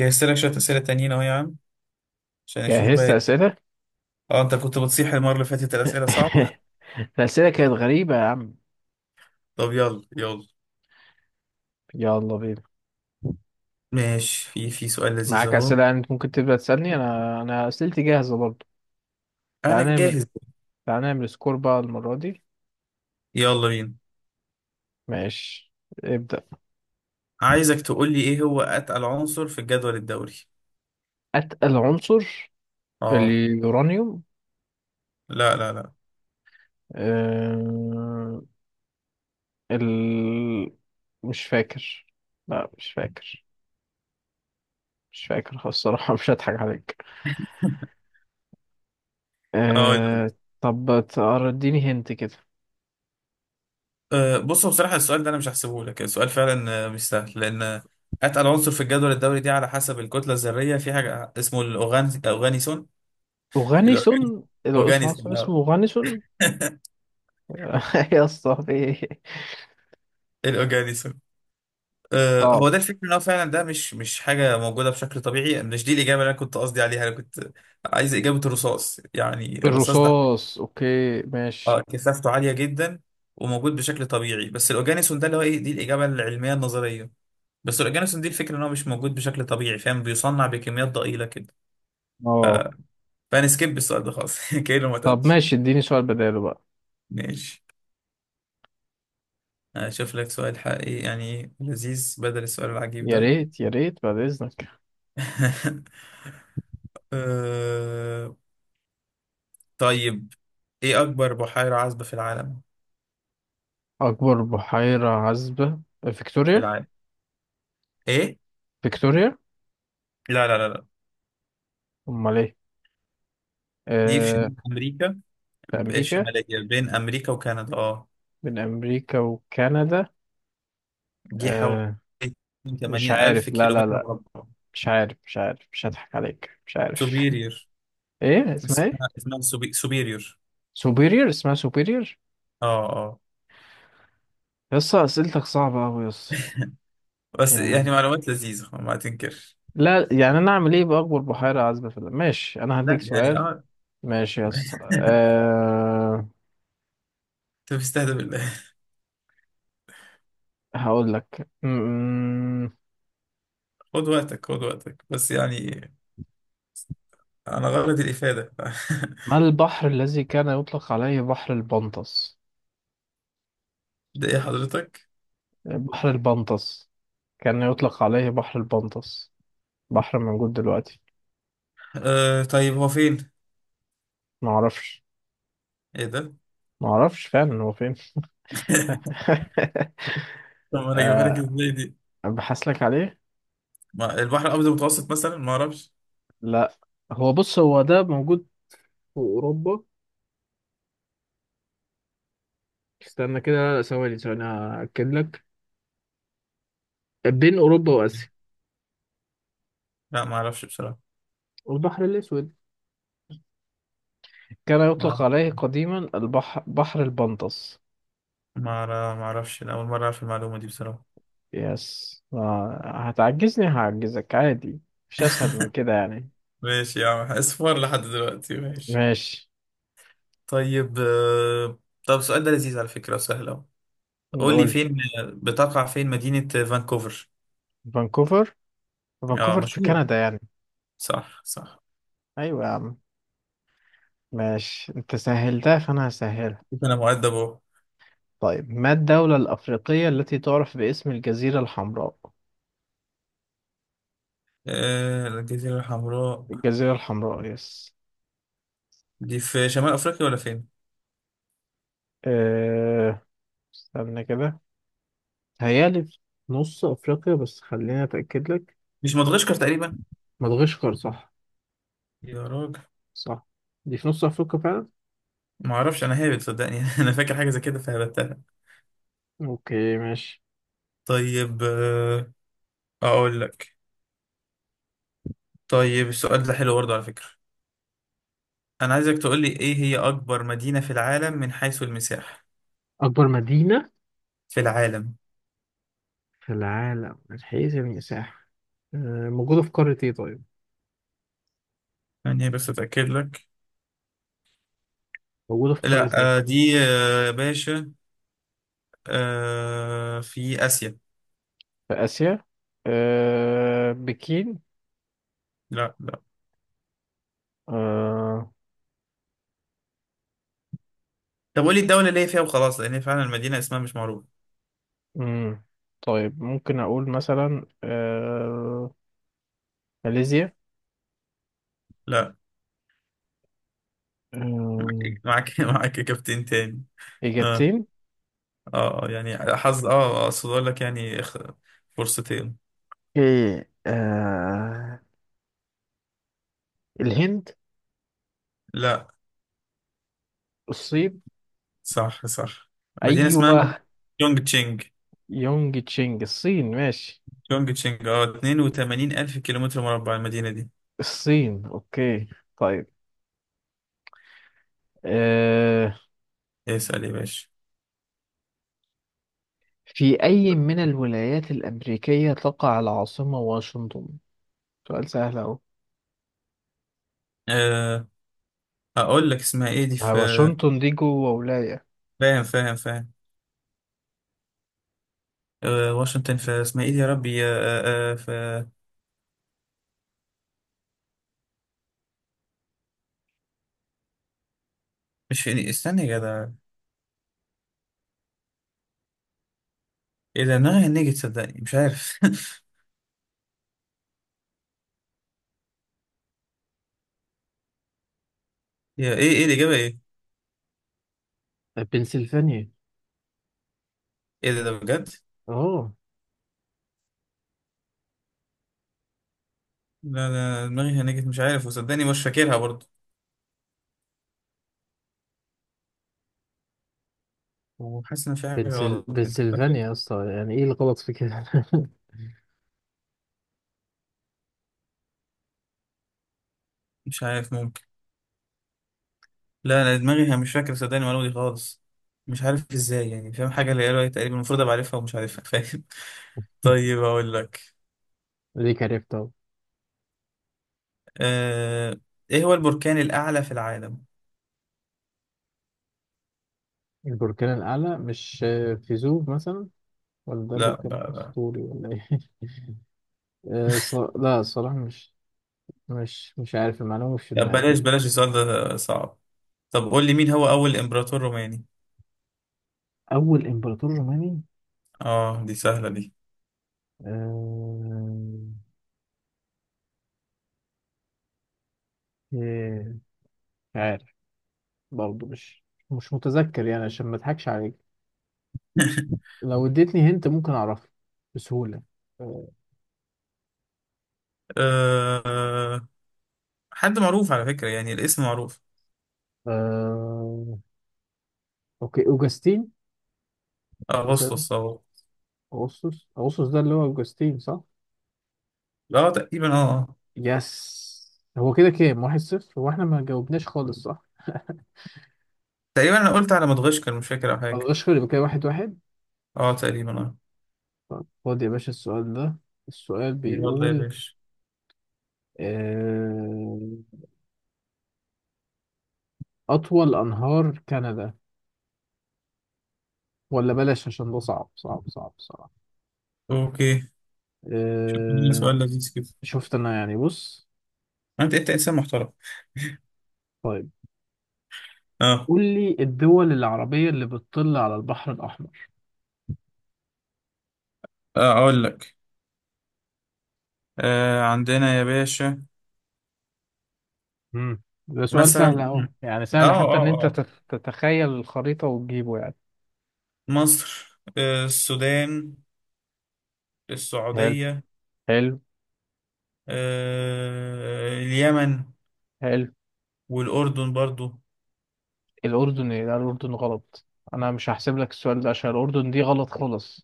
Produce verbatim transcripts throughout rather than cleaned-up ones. جهزت لك شوية أسئلة تانيين أهو يا عم عشان نشوف بقى جهزت إيه. أسئلة؟ اه، أنت كنت بتصيح المرة اللي فاتت الأسئلة صعبة. الأسئلة كانت غريبة يا عم. طب يلا يلا. يلا بينا. ماشي، في في سؤال لذيذ معاك أهو. أسئلة يعني أنت ممكن تبدأ تسألني، أنا أنا أسئلتي جاهزة برضه. أنا تعال نعمل، جاهز. تعال نعمل سكور بقى المرة دي. يلا بينا. ماشي، ابدأ. عايزك تقول لي إيه هو أتقل عنصر في الجدول الدوري. أتقل عنصر؟ اه. اليورانيوم. لا لا لا. أه... ال... مش فاكر، لا مش فاكر، مش فاكر خالص الصراحة. مش هضحك عليك. أقول لك. أه... طب تقر- اديني هنت كده. أه، بص، هو بصراحة السؤال ده أنا مش هحسبه لك. السؤال فعلا آه، مش سهل، لأن آه، أتقل عنصر في الجدول الدوري دي على حسب الكتلة الذرية في حاجة اسمه الأوغان أوغانيسون. أوغانيسون؟ العنصر الأوغانيسون اسمه آه. أوغانيسون؟ يا اسطى في إيه؟ الأوغانيسون آه، صعب. هو ده الفكرة، ان هو فعلا ده مش مش حاجة موجودة بشكل طبيعي. مش دي الإجابة اللي أنا كنت قصدي عليها. أنا كنت عايز إجابة الرصاص، يعني الرصاص ده الرصاص، اوكي ماشي. اه كثافته عالية جدا وموجود بشكل طبيعي. بس الأوجانيسون ده اللي هو إيه، دي الإجابة العلمية النظرية. بس الأوجانيسون دي الفكرة ان هو مش موجود بشكل طبيعي، فاهم، بيصنع بكميات ضئيلة كده. اه. فأنا سكيب السؤال ده خالص كأنه ما طب اتقالش. ماشي، اديني سؤال بداله بقى. ماشي، أشوف لك سؤال حقيقي يعني لذيذ بدل السؤال العجيب يا ده. ريت يا ريت بعد اذنك. آه، طيب، ايه اكبر بحيرة عذبة في العالم. اكبر بحيرة عذبة؟ في فيكتوريا. العالم، ايه. فيكتوريا. لا لا لا لا. امال ايه؟ دي في آه، شمال امريكا. في ب- امريكا؟ الشمالية، بين امريكا وكندا اه. بين امريكا وكندا؟ دي حوالي آه. مش ثمانين الف عارف، لا لا كيلومتر لا، مربع. مش عارف، مش عارف، مش هضحك عليك، مش عارف. سوبيريور. ايه اسمها، ايه؟ اسمها اسمها سوبي... سوبيريور. سوبيريور؟ اسمها سوبيريور. اه اه. يسطا اسئلتك صعبة اوي يسطا. بس يعني، يعني معلومات لذيذة ما تنكر. لا يعني انا اعمل ايه باكبر بحيره عذبه في العالم. ماشي، انا هديك لا يعني سؤال. اه. ماشي يا اسطى. أه... انت بتستهدف بالله. هقول لك م- م- خد وقتك خد وقتك، بس يعني انا غرض الافادة. ما البحر الذي كان يطلق عليه بحر البنطس؟ ده ايه حضرتك. بحر البنطس، كان يطلق عليه بحر البنطس، بحر موجود دلوقتي. آه، طيب هو فين. ما اعرفش؟ ايه ده. ما اعرفش فعلا هو فين. طب انا اجيبها لك ازاي دي. ابحث لك عليه. ما- البحر الابيض المتوسط مثلا، ما اعرفش. لا، هو بص، هو ده موجود في اوروبا. استنى كده، ثواني ثواني هاكد لك. بين اوروبا واسيا. لا ما اعرفش بصراحه. البحر الأسود، كان يطلق ما عليه قديما البحر بحر البنطس. ما أعرف- ما اعرفش، أنا اول مره اعرف المعلومه دي بصراحه. يس. آه، هتعجزني، هعجزك عادي، مش أسهل من كده يعني. ماشي يا عم، اصفر لحد دلوقتي ماشي. ماشي، طيب آه، طب السؤال ده لذيذ على فكره وسهل اهو. قول لي نقول. فين بتقع، فين مدينه فانكوفر. فانكوفر؟ اه، فانكوفر في مشهور. كندا يعني. صح صح. أيوة يا عم. ماشي، أنت سهلتها فأنا هسهلها. شوف انا مؤدب اهو. طيب، ما الدولة الأفريقية التي تعرف باسم الجزيرة الحمراء؟ آه، الجزيره الحمراء الجزيرة الحمراء، يس. دي في شمال افريقيا ولا فين. أه... استنى كده، هيالي في نص أفريقيا، بس خليني أتأكد لك. مش مدغشقر تقريبا. مدغشقر صح. يا راجل. صح، دي في نص أفريقيا فعلا. ما اعرفش، انا هابت صدقني. انا فاكر حاجه زي كده فهبتها. أوكي ماشي. طيب آه، اقول لك. طيب السؤال ده حلو برضه على فكرة. انا عايزك تقول لي ايه هي اكبر مدينة في العالم من حيث المساحة. أكبر مدينة في العالم. في العالم من حيث المساحة. آه، موجودة في قارة إيه طيب؟ يعني بس اتاكد لك. موجودة في لا، قارة إيه؟ آه، دي آه، يا باشا، آه، في اسيا. في آسيا؟ أه، بكين. لا لا. أه. طب قول لي الدولة اللي هي فيها وخلاص، لان هي فعلا المدينة اسمها مش معروف. مم. طيب، ممكن أقول مثلا أه ماليزيا. لا. معاك أه. إيه؟ معاك معاك كابتن تاني. اه إجابتين؟ اه، آه، يعني حظ، اه آه، اقصد اقول لك يعني اخ- فرصتين. إيه، أه، الهند. لا. الصين. صح صح. مدينة اسمها أيوه. يونج تشينج. يونج تشينج؟ الصين، ماشي. تشونج تشينج، اه، اتنين وتمانين ألف كيلومتر مربع المدينة دي. الصين، أوكي. طيب، آه، اسأل يا باشا. في أي من الولايات الأمريكية تقع العاصمة واشنطن؟ سؤال سهل أهو. أه، أقول لك اسمها إيه دي، آه، في واشنطن دي جوه ولاية. فاهم فاهم فاهم. أه، واشنطن في اسمها إيه دي يا ربي، أه أه في، مش في استنى يا جدع. إيه ده، دماغي نيجي تصدقني مش عارف. يا إيه، إيه الإجابة إيه؟ بنسلفانيا. إيه ده، ده بجد؟ اه. لا ده دماغي هنجت مش عارف، وصدقني مش فاكرها برضه، وحاسس إن في حاجة بنسل... غلط، أنت فاكر؟ بنسلفانيا يا اسطى، يعني ايه الغلط في كده؟ مش عارف، ممكن. لا انا دماغي مش فاكر صدقني المعلومه دي خالص. مش عارف ازاي يعني، فاهم حاجه اللي قالها تقريبا، المفروض ابقى عارفها ومش عارفها. فاهم. طيب اقول لك. ليه عرفتها؟ آه... ايه هو البركان الاعلى في العالم. البركان الأعلى، مش آه، فيزوف مثلا، ولا ده لا ب- بركان ب- أسطوري ولا ايه؟ آه، ص... لا الصراحة مش، مش مش عارف، المعلومة مش في لا دماغي. بلاش بلاش، السؤال ده صعب. طب قول لي مين هو اول امبراطور روماني. أول إمبراطور روماني. اه دي سهله دي. آه، آه، مش عارف، برضه مش مش متذكر يعني، عشان ما اضحكش عليك. لو اديتني هنت ممكن اعرفه بسهولة. آه... آه... حد معروف على فكره، يعني الاسم معروف. آه، اوكي، اوجستين مثلا. اغسطس او. اغسطس، اغسطس ده اللي هو اوجستين صح. اه تقريبا اه آه. يس. هو كده كام؟ واحد صفر؟ هو احنا ما جاوبناش خالص صح؟ تقريبا انا قلت على مدغشقر مش فاكر او ما حاجه. بلغش، يبقى كده واحد واحد. اه تقريبا اه. طب خد يا باشا السؤال ده، السؤال يلا يا بيقول باشا. آه... اطول انهار كندا، ولا بلاش عشان ده صعب صعب صعب صعب. اوكي. شكراً، آه... سؤال لذيذ كده. شفت انا، يعني بص. انت انت انسان محترم. طيب، اه قول لي الدول العربية اللي بتطل على البحر الأحمر. اه، اقول لك. آه، عندنا يا باشا. مم. ده سؤال سهل مثلا أهو، يعني اه سهل حتى إن اه أنت اه تت- تتخيل الخريطة وتجيبه يعني. مصر، آه السودان، حلو، السعودية، حلو. آه اليمن، حلو. والأردن برضو. الأردن إيه؟ لا الأردن غلط، أنا مش هحسب لك السؤال ده عشان الأردن دي غلط خالص.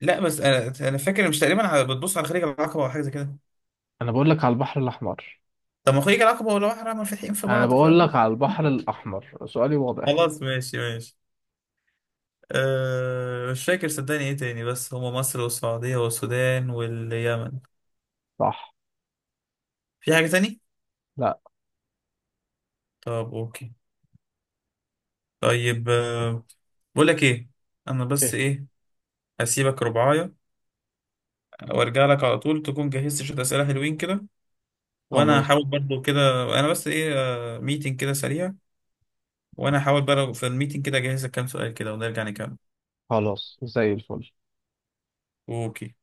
لا بس انا انا فاكر مش تقريبا على- بتبص على خليج العقبة او حاجة زي كده. أنا بقول لك على البحر الأحمر. طب ما خليج العقبة والبحر منفتحين في أنا بعض ف. بقول لك على البحر الأحمر، سؤالي واضح. خلاص ماشي ماشي. آه مش فاكر صدقني ايه تاني، بس هما مصر والسعودية والسودان واليمن. صح. في حاجة تاني؟ لا. طب اوكي. طيب آه، بقول لك ايه، انا بس إيه؟ ايه، هسيبك ربعايه وارجع لك على طول، تكون جهزت شويه اسئله حلوين كده، وانا خلاص. هحاول برضو كده. انا بس ايه، ميتنج كده سريع، وانا هحاول بقى في الميتنج كده اجهز لك كام سؤال كده ونرجع نكمل. خلاص زي الفل. اوكي